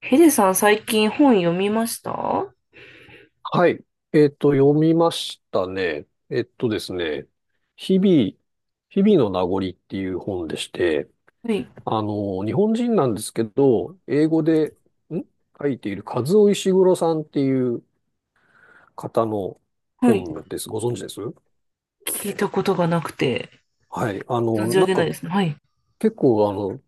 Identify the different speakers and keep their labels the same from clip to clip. Speaker 1: ヘデさん、最近本読みました？は
Speaker 2: はい。読みましたね。えっとですね。日々、日々の名残っていう本でして、
Speaker 1: い。
Speaker 2: 日本人なんですけど、英語で、ん書いているカズオ石黒さんっていう方の
Speaker 1: はい。
Speaker 2: 本です。ご存知です？
Speaker 1: 聞いたことがなくて、
Speaker 2: はい。
Speaker 1: 存じ上
Speaker 2: なん
Speaker 1: げない
Speaker 2: か
Speaker 1: ですね。はい。
Speaker 2: 結構、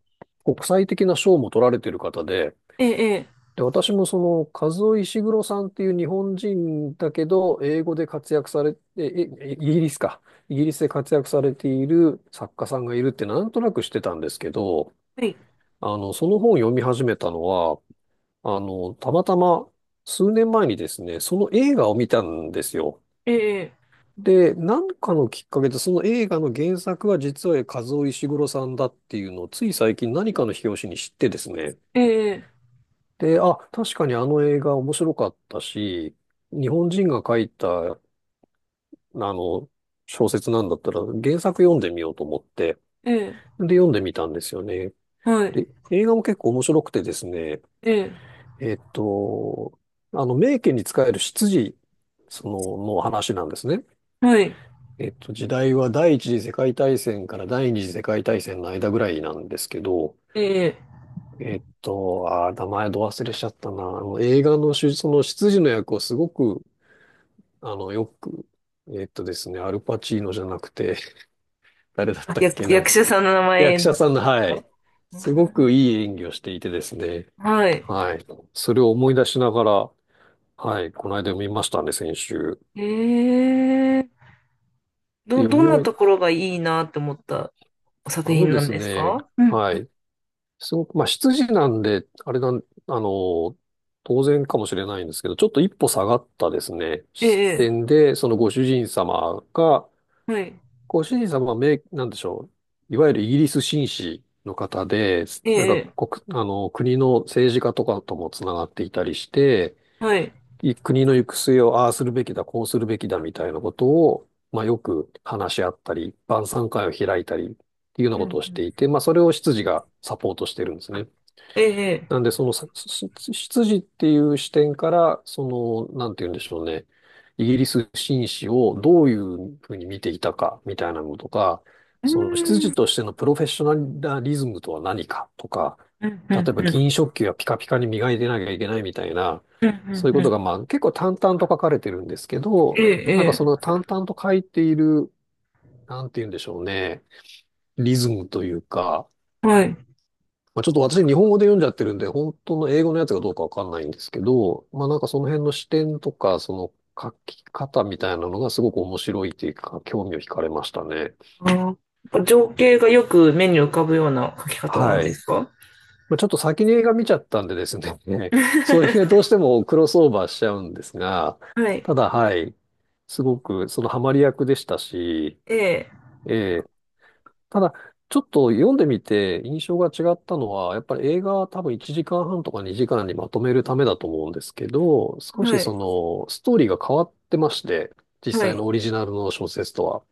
Speaker 2: 国際的な賞も取られてる方で、
Speaker 1: ええ、ええ、
Speaker 2: で、私もカズオ・イシグロさんっていう日本人だけど、英語で活躍されて、イギリスか。イギリスで活躍されている作家さんがいるってなんとなくしてたんですけど、
Speaker 1: はい。
Speaker 2: その本を読み始めたのは、たまたま数年前にですね、その映画を見たんですよ。
Speaker 1: ええ、
Speaker 2: で、なんかのきっかけで、その映画の原作は実はカズオ・イシグロさんだっていうのを、つい最近何かの表紙に知ってですね、
Speaker 1: ええ、
Speaker 2: で、あ、確かにあの映画面白かったし、日本人が書いた、の、小説なんだったら原作読んでみようと思って、
Speaker 1: ええ、
Speaker 2: で、読んでみたんですよね。
Speaker 1: はい。
Speaker 2: で、映画も結構面白くてですね、
Speaker 1: ええ、
Speaker 2: えっと、名家に仕える執事、の話なんですね。
Speaker 1: はい。
Speaker 2: 時代は第一次世界大戦から第二次世界大戦の間ぐらいなんですけど、
Speaker 1: ええ、
Speaker 2: 名前ど忘れしちゃったな。映画のその執事の役をすごくよく、えっとですね、アルパチーノじゃなくて、誰だっ
Speaker 1: あ、
Speaker 2: たっけ
Speaker 1: 役、役
Speaker 2: な。
Speaker 1: 者さんの名前
Speaker 2: 役
Speaker 1: で
Speaker 2: 者さん
Speaker 1: す
Speaker 2: の、は
Speaker 1: か？
Speaker 2: い。すごくいい演技をしていてですね。
Speaker 1: はい。
Speaker 2: はい。それを思い出しながら、はい。この間見ましたね、先週。
Speaker 1: ええ、
Speaker 2: で、
Speaker 1: ど、
Speaker 2: 読
Speaker 1: ど
Speaker 2: み
Speaker 1: んな
Speaker 2: 終
Speaker 1: とこ
Speaker 2: え、
Speaker 1: ろがいいなって思ったお
Speaker 2: あ
Speaker 1: 作
Speaker 2: の
Speaker 1: 品
Speaker 2: で
Speaker 1: なん
Speaker 2: す
Speaker 1: です
Speaker 2: ね、
Speaker 1: か？うん。
Speaker 2: はい。すごく、まあ、羊なんで、あれなん、あの、当然かもしれないんですけど、ちょっと一歩下がったですね、
Speaker 1: え
Speaker 2: 視
Speaker 1: え、
Speaker 2: 点で、
Speaker 1: はい。
Speaker 2: ご主人様はなんでしょう。いわゆるイギリス紳士の方で、
Speaker 1: え
Speaker 2: なんか
Speaker 1: え、
Speaker 2: 国の政治家とかともつながっていたりして、
Speaker 1: はい。
Speaker 2: 国の行く末をああするべきだ、こうするべきだみたいなことを、まあよく話し合ったり、晩餐会を開いたりっていうような
Speaker 1: うん
Speaker 2: ことを
Speaker 1: う
Speaker 2: して
Speaker 1: ん。
Speaker 2: いて、まあそれを執事がサポートしてるんですね。
Speaker 1: ええ、
Speaker 2: なんで、その、さすす出っていう視点から、なんて言うんでしょうね。イギリス紳士をどういうふうに見ていたか、みたいなのとか、
Speaker 1: うん。う
Speaker 2: 出
Speaker 1: ん、
Speaker 2: としてのプロフェッショナリズムとは何かとか、
Speaker 1: うん、う
Speaker 2: 例えば
Speaker 1: ん、
Speaker 2: 銀食器はピカピカに磨いてなきゃいけないみたいな、
Speaker 1: うん、
Speaker 2: そういう
Speaker 1: うん。
Speaker 2: こ
Speaker 1: う
Speaker 2: とが、
Speaker 1: ん、
Speaker 2: まあ、結構淡々と書かれてるんですけど、なんか
Speaker 1: え、
Speaker 2: そ
Speaker 1: ええ、
Speaker 2: の淡々と書いている、なんて言うんでしょうね。リズムというか、
Speaker 1: はい。
Speaker 2: まあ、ちょっと私日本語で読んじゃってるんで、本当の英語のやつがどうかわかんないんですけど、まあなんかその辺の視点とか、その書き方みたいなのがすごく面白いっていうか、興味を惹かれましたね。
Speaker 1: あー、やっぱ情景がよく目に浮かぶような書き方なん
Speaker 2: は
Speaker 1: で
Speaker 2: い。
Speaker 1: すか？
Speaker 2: まあ、ちょっと先に映画見ちゃったんでですね、それがどうしてもクロスオーバーしちゃうんですが、
Speaker 1: はい。
Speaker 2: ただはい、すごくそのハマり役でしたし、
Speaker 1: ええ、
Speaker 2: えただ、ちょっと読んでみて印象が違ったのは、やっぱり映画は多分1時間半とか2時間にまとめるためだと思うんですけど、少し
Speaker 1: はい、
Speaker 2: そのストーリーが変わってまして、実
Speaker 1: は
Speaker 2: 際
Speaker 1: い。
Speaker 2: のオリジナルの小説とは。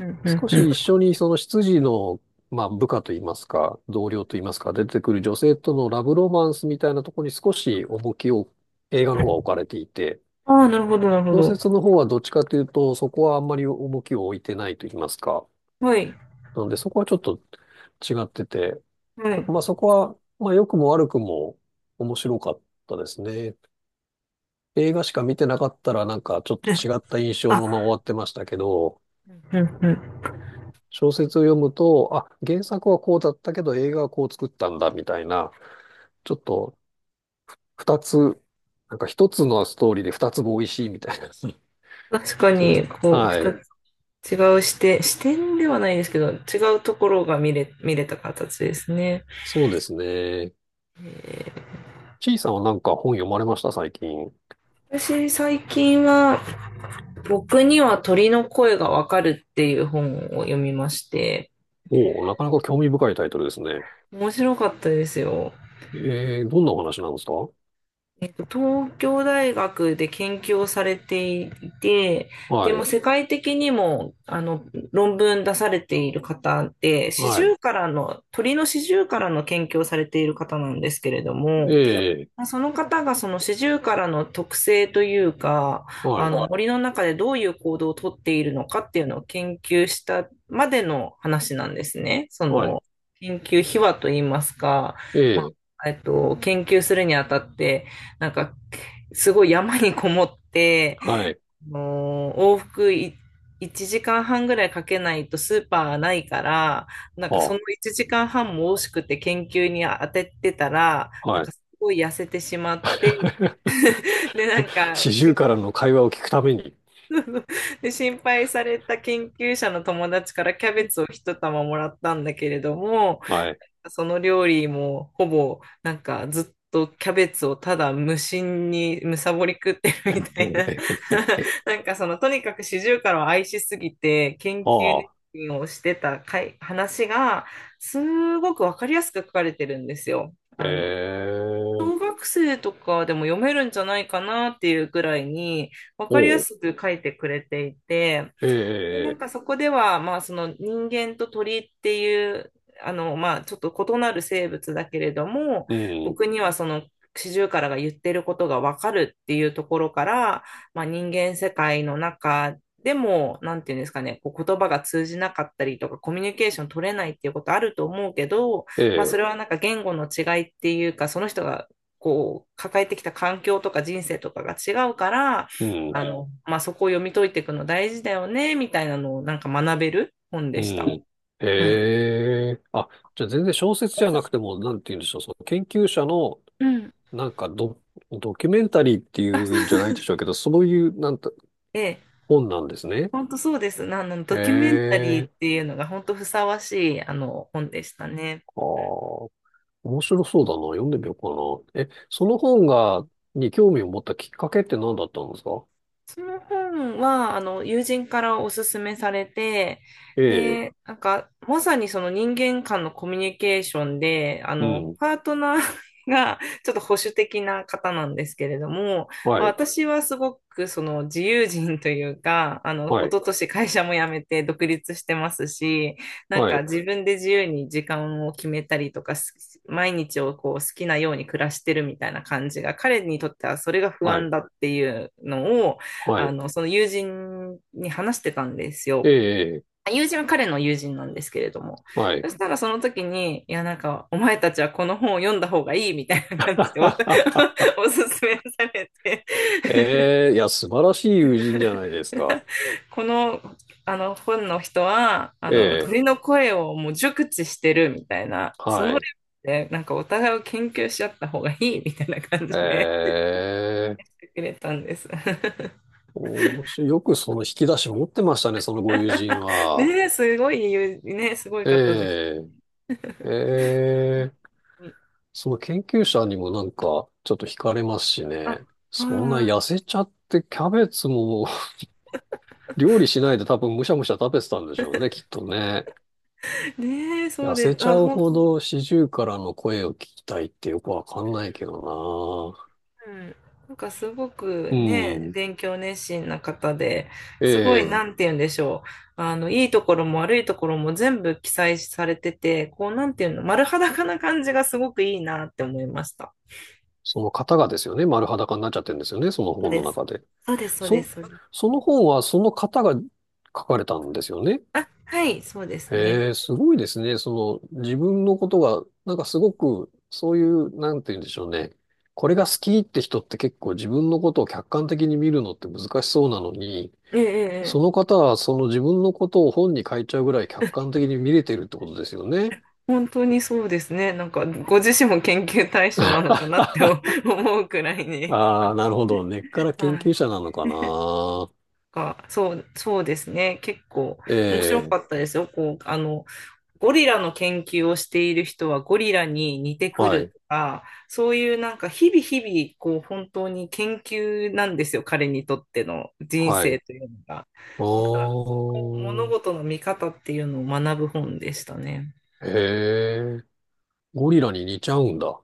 Speaker 1: うん、うん、
Speaker 2: 少し
Speaker 1: うん。
Speaker 2: 一緒にその執事の、まあ、部下といいますか、同僚といいますか、出てくる女性とのラブロマンスみたいなところに少し重きを映画の方は置かれていて、
Speaker 1: ああ、なるほど、なるほ
Speaker 2: 小
Speaker 1: ど。
Speaker 2: 説の方はどっちかというと、そこはあんまり重きを置いてないといいますか。
Speaker 1: はい、
Speaker 2: なのでそこはちょっと違ってて、
Speaker 1: は
Speaker 2: なんかま
Speaker 1: い。
Speaker 2: あそこは、まあ良くも悪くも面白かったですね。映画しか見てなかったらなんかちょっと違った印 象の
Speaker 1: あ、
Speaker 2: まま終わってましたけど、
Speaker 1: うん、うん。
Speaker 2: 小説を読むと、あ、原作はこうだったけど映画はこう作ったんだみたいな、ちょっと二つ、なんか一つのストーリーで二つも美味しいみたいな。ち
Speaker 1: 確か
Speaker 2: ょっと、
Speaker 1: に、こう、
Speaker 2: は
Speaker 1: 二
Speaker 2: い。
Speaker 1: つ、違う視点、視点ではないですけど、違うところが見れ、見れた形ですね。
Speaker 2: そうですね。ちいさんはなんか本読まれました最近？
Speaker 1: 私、最近は、僕には鳥の声がわかるっていう本を読みまして、
Speaker 2: おお、なかなか興味深いタイトルですね。
Speaker 1: 面白かったですよ。
Speaker 2: どんなお話なんですか？
Speaker 1: 東京大学で研究をされていて、で
Speaker 2: は
Speaker 1: も
Speaker 2: い。
Speaker 1: 世界的にもあの論文出されている方で、シジ
Speaker 2: は
Speaker 1: ュ
Speaker 2: い。
Speaker 1: ウカラの、鳥のシジュウカラの研究をされている方なんですけれども、
Speaker 2: ええ、
Speaker 1: まあその方がそのシジュウカラの特性というか、
Speaker 2: は
Speaker 1: あ
Speaker 2: い。
Speaker 1: の森の中でどういう行動をとっているのかっていうのを研究したまでの話なんですね。そ
Speaker 2: は
Speaker 1: の
Speaker 2: い。
Speaker 1: 研究秘話といいますか、
Speaker 2: え
Speaker 1: ま
Speaker 2: え。
Speaker 1: あ、研究するにあたって、なんかすごい山にこもって、
Speaker 2: はい。
Speaker 1: もう往復い1時間半ぐらいかけないとスーパーがないから、なんかそ
Speaker 2: は
Speaker 1: の1時間半も惜しくて研究に当ててたら、
Speaker 2: あ。
Speaker 1: なん
Speaker 2: は
Speaker 1: か
Speaker 2: い。
Speaker 1: すごい痩せてしまって、で、なんか
Speaker 2: 四十
Speaker 1: し、
Speaker 2: からの会話を聞くために。
Speaker 1: で、心配された研究者の友達からキャベツを一玉もらったんだけれども、
Speaker 2: はい。
Speaker 1: その料理もほぼなんかずっとキャベツをただ無心にむさぼり食ってる みたいな。
Speaker 2: ええ。
Speaker 1: なんかそのとにかくシジュウカラを愛しすぎて研
Speaker 2: あ
Speaker 1: 究
Speaker 2: あ。
Speaker 1: をしてたかい話がすごくわかりやすく書かれてるんですよ。
Speaker 2: え
Speaker 1: あの、小
Speaker 2: え。
Speaker 1: 学生とかでも読めるんじゃないかなっていうぐらいにわかりや
Speaker 2: おう。
Speaker 1: すく書いてくれていて、
Speaker 2: ええ。
Speaker 1: で、なん
Speaker 2: ええ。
Speaker 1: かそこでは、まあ、その人間と鳥っていう、あの、まあ、ちょっと異なる生物だけれども、
Speaker 2: うん。
Speaker 1: 僕にはそのシジュウカラが言ってることがわかるっていうところから、まあ、人間世界の中でも、なんていうんですかね、こう言葉が通じなかったりとか、コミュニケーション取れないっていうことあると思うけど、
Speaker 2: え
Speaker 1: まあ、そ
Speaker 2: え。
Speaker 1: れはなんか言語の違いっていうか、その人がこう、抱えてきた環境とか人生とかが違うから、
Speaker 2: うん。
Speaker 1: あの、まあ、そこを読み解いていくの大事だよね、みたいなのをなんか学べる本
Speaker 2: う
Speaker 1: でした。
Speaker 2: ん。
Speaker 1: うん。
Speaker 2: ええ。あ、じゃあ全然小説じゃなくても、なんて言うんでしょう。その研究者の、
Speaker 1: うん、
Speaker 2: なんかドキュメンタリーってい
Speaker 1: あ、そ
Speaker 2: う
Speaker 1: う
Speaker 2: んじ
Speaker 1: そ
Speaker 2: ゃないでし
Speaker 1: う。
Speaker 2: ょうけど、そういう、なんて、
Speaker 1: え、
Speaker 2: 本なんですね。
Speaker 1: 本当そうです。あの、ドキュメンタリー
Speaker 2: え
Speaker 1: って
Speaker 2: え。
Speaker 1: いうのが本当ふさわしい、あの、本でしたね。
Speaker 2: ああ。面白そうだな。読んでみようかな。え、その本が、に興味を持ったきっかけって何だったんですか？
Speaker 1: その本は、あの、友人からおすすめされて、
Speaker 2: ええ、
Speaker 1: で、なんか、まさにその人間間のコミュニケーションで、あ
Speaker 2: う
Speaker 1: の、
Speaker 2: ん、
Speaker 1: パートナー が、ちょっと保守的な方なんですけれども、まあ、
Speaker 2: はい、
Speaker 1: 私はすごくその自由人というか、あの、
Speaker 2: は
Speaker 1: 一
Speaker 2: い、
Speaker 1: 昨年会社も辞めて独立してますし、なん
Speaker 2: は
Speaker 1: か
Speaker 2: い、
Speaker 1: 自分で自由に時間を決めたりとか、す、毎日をこう好きなように暮らしてるみたいな感じが、彼にとってはそれが不
Speaker 2: は
Speaker 1: 安
Speaker 2: い、
Speaker 1: だっていうのを、
Speaker 2: は
Speaker 1: あ
Speaker 2: い、
Speaker 1: の、その友人に話してたんです
Speaker 2: え
Speaker 1: よ。
Speaker 2: え、
Speaker 1: 友人は彼の友人なんですけれども。
Speaker 2: は
Speaker 1: そ
Speaker 2: い。
Speaker 1: したらその時に、いや、なんか、お前たちはこの本を読んだ方がいいみたいな 感じ
Speaker 2: は
Speaker 1: でお
Speaker 2: ははは
Speaker 1: おすすめされて。
Speaker 2: ええ、いや、素晴らしい友人じゃないです か。
Speaker 1: この、あの、本の人は、あ
Speaker 2: え
Speaker 1: の、
Speaker 2: え、
Speaker 1: 鳥の声をもう熟知してるみたいな、その
Speaker 2: は
Speaker 1: レ
Speaker 2: い。
Speaker 1: ベルで、なんかお互いを研究し合った方がいいみたいな感じ
Speaker 2: え
Speaker 1: で
Speaker 2: え、
Speaker 1: くれたんです。
Speaker 2: 面白い。よくその引き出し持ってましたね、そのご友人は。
Speaker 1: ね、すごいね、すごい方です。
Speaker 2: ええ、ええ。
Speaker 1: うん、
Speaker 2: その研究者にもなんか、ちょっと惹かれますし
Speaker 1: あ、
Speaker 2: ね。そんな
Speaker 1: は
Speaker 2: 痩せちゃって、キャベツも 料理しないで多分むしゃむしゃ食べてたんでしょうね、きっとね。
Speaker 1: い。ねえ、そう
Speaker 2: 痩
Speaker 1: で
Speaker 2: せ
Speaker 1: す。
Speaker 2: ちゃ
Speaker 1: あ、
Speaker 2: う
Speaker 1: 本
Speaker 2: ほ
Speaker 1: 当で
Speaker 2: ど
Speaker 1: す。
Speaker 2: 四十からの声を聞きたいってよくわかんないけど
Speaker 1: うん。なんかすごく
Speaker 2: な。う
Speaker 1: ね、
Speaker 2: ん。
Speaker 1: 勉強熱心な方で、
Speaker 2: え
Speaker 1: すごい、
Speaker 2: え。
Speaker 1: なんて言うんでしょう。あの、いいところも悪いところも全部記載されてて、こう、なんていうの、丸裸な感じがすごくいいなって思いました。
Speaker 2: その方がですよね、丸裸になっちゃってるんですよね、その
Speaker 1: そう
Speaker 2: 本
Speaker 1: で
Speaker 2: の
Speaker 1: す。
Speaker 2: 中で。
Speaker 1: そうです、そうで
Speaker 2: そ、
Speaker 1: す、そうです。
Speaker 2: その本はその方が書かれたんですよね。
Speaker 1: あ、はい、そうですね。
Speaker 2: へえ、すごいですね。自分のことが、なんかすごく、そういう、なんて言うんでしょうね。これが好きって人って結構自分のことを客観的に見るのって難しそうなのに、
Speaker 1: ええ、ええ、
Speaker 2: そ
Speaker 1: え
Speaker 2: の
Speaker 1: え、
Speaker 2: 方はその自分のことを本に書いちゃうぐらい客観的に見れてるってことですよね。
Speaker 1: 本当にそうですね。なんか、ご自身も研究対象なのか なって思うくらいに。
Speaker 2: ああ、なるほど。根っから研
Speaker 1: は
Speaker 2: 究
Speaker 1: い。
Speaker 2: 者なのかな。
Speaker 1: か、そう、そうですね。結構
Speaker 2: え
Speaker 1: 面白か
Speaker 2: え、
Speaker 1: ったですよ。こう、あの、ゴリラの研究をしている人はゴリラに似てく
Speaker 2: は
Speaker 1: る
Speaker 2: い、
Speaker 1: とか、そういうなんか日々日々、こう、本当に研究なんですよ。彼にとっての人
Speaker 2: はい。
Speaker 1: 生というのが。
Speaker 2: あ
Speaker 1: だから、その物
Speaker 2: あ、
Speaker 1: 事の見方っていうのを学ぶ本でしたね。
Speaker 2: へえ。ゴリラに似ちゃうんだ。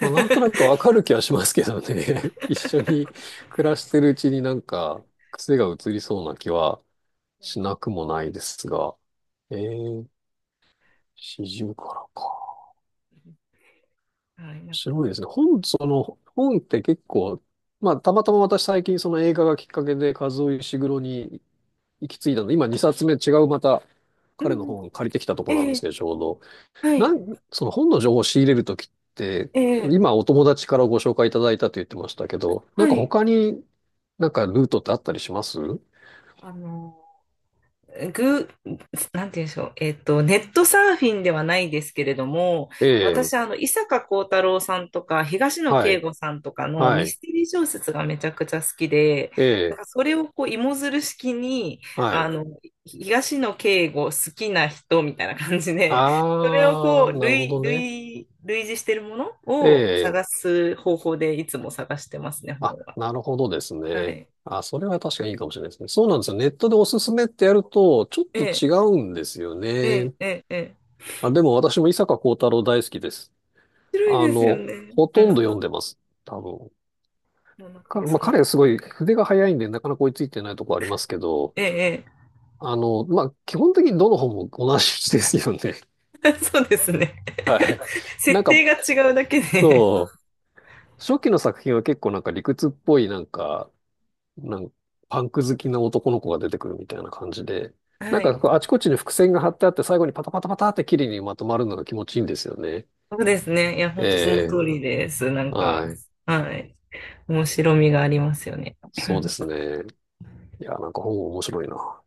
Speaker 2: まあ、なんとなくわかる気はしますけどね。一緒に暮らしてるうちになんか癖が移りそうな気はしなくもないですが。えー、四十からか。
Speaker 1: はい、
Speaker 2: 面
Speaker 1: なんか、
Speaker 2: 白いですね。本、その、本って結構、まあ、たまたま私最近その映画がきっかけで和尾石黒に行き着いたので、今2冊目違うまた
Speaker 1: う
Speaker 2: 彼
Speaker 1: ん
Speaker 2: の
Speaker 1: うん、
Speaker 2: 本借りてきたところなん
Speaker 1: え
Speaker 2: です
Speaker 1: え、
Speaker 2: けど、ちょうど。
Speaker 1: はい、
Speaker 2: その本の情報を仕入れるときって、
Speaker 1: ええ、
Speaker 2: 今お友達からご紹介いただいたと言ってましたけど、なん
Speaker 1: は
Speaker 2: か
Speaker 1: い。
Speaker 2: 他になんかルートってあったりします？
Speaker 1: あの、ぐ、なんて言うんでしょう。ネットサーフィンではないですけれども、
Speaker 2: ええ、
Speaker 1: 私、あの、伊坂幸太郎さんとか、東野
Speaker 2: は
Speaker 1: 圭
Speaker 2: い、
Speaker 1: 吾さんとかの
Speaker 2: は
Speaker 1: ミ
Speaker 2: い、
Speaker 1: ステリー小説がめちゃくちゃ好きで、
Speaker 2: え
Speaker 1: だ
Speaker 2: え、
Speaker 1: からそれをこう、芋づる式に、
Speaker 2: は
Speaker 1: あ
Speaker 2: い。
Speaker 1: の、東野圭吾好きな人みたいな感じで、それをこ
Speaker 2: あ
Speaker 1: う、
Speaker 2: ー、なるほ
Speaker 1: 類、
Speaker 2: どね。
Speaker 1: 類、類似してるもの
Speaker 2: え
Speaker 1: を
Speaker 2: え、
Speaker 1: 探す方法でいつも探してますね、本
Speaker 2: あ、
Speaker 1: は。
Speaker 2: なるほどです
Speaker 1: は
Speaker 2: ね。
Speaker 1: い。
Speaker 2: あ、それは確かにいいかもしれないですね。そうなんですよ。ネットでおすすめってやると、ちょっ
Speaker 1: え
Speaker 2: と
Speaker 1: え、
Speaker 2: 違うんですよ
Speaker 1: ええ、
Speaker 2: ね。
Speaker 1: ええ、ええ、
Speaker 2: あ、でも私も伊坂幸太郎大好きです。
Speaker 1: 面白いですよね。
Speaker 2: ほ
Speaker 1: う
Speaker 2: とんど
Speaker 1: ん。
Speaker 2: 読んでます。多分。
Speaker 1: もうなんか
Speaker 2: まあ、
Speaker 1: その、
Speaker 2: 彼はすごい筆が早いんで、なかなか追いついてないとこありますけど、
Speaker 1: ええ、
Speaker 2: まあ、基本的にどの本も同じですよね。
Speaker 1: ええ。 そうですね。
Speaker 2: はい。なん
Speaker 1: 設定
Speaker 2: か、
Speaker 1: が違うだけで。
Speaker 2: そう、初期の作品は結構なんか理屈っぽい、なんかパンク好きな男の子が出てくるみたいな感じで、なん
Speaker 1: は
Speaker 2: か
Speaker 1: い。
Speaker 2: こうあちこちに伏線が張ってあって、最後にパタパタパタって綺麗にまとまるのが気持ちいいんですよね。
Speaker 1: そうですね。いや、
Speaker 2: え
Speaker 1: 本当その
Speaker 2: え、
Speaker 1: 通りです。なんか、
Speaker 2: はい。
Speaker 1: はい。面白みがありますよね。
Speaker 2: そうです ね。いや、なんか本面白いな。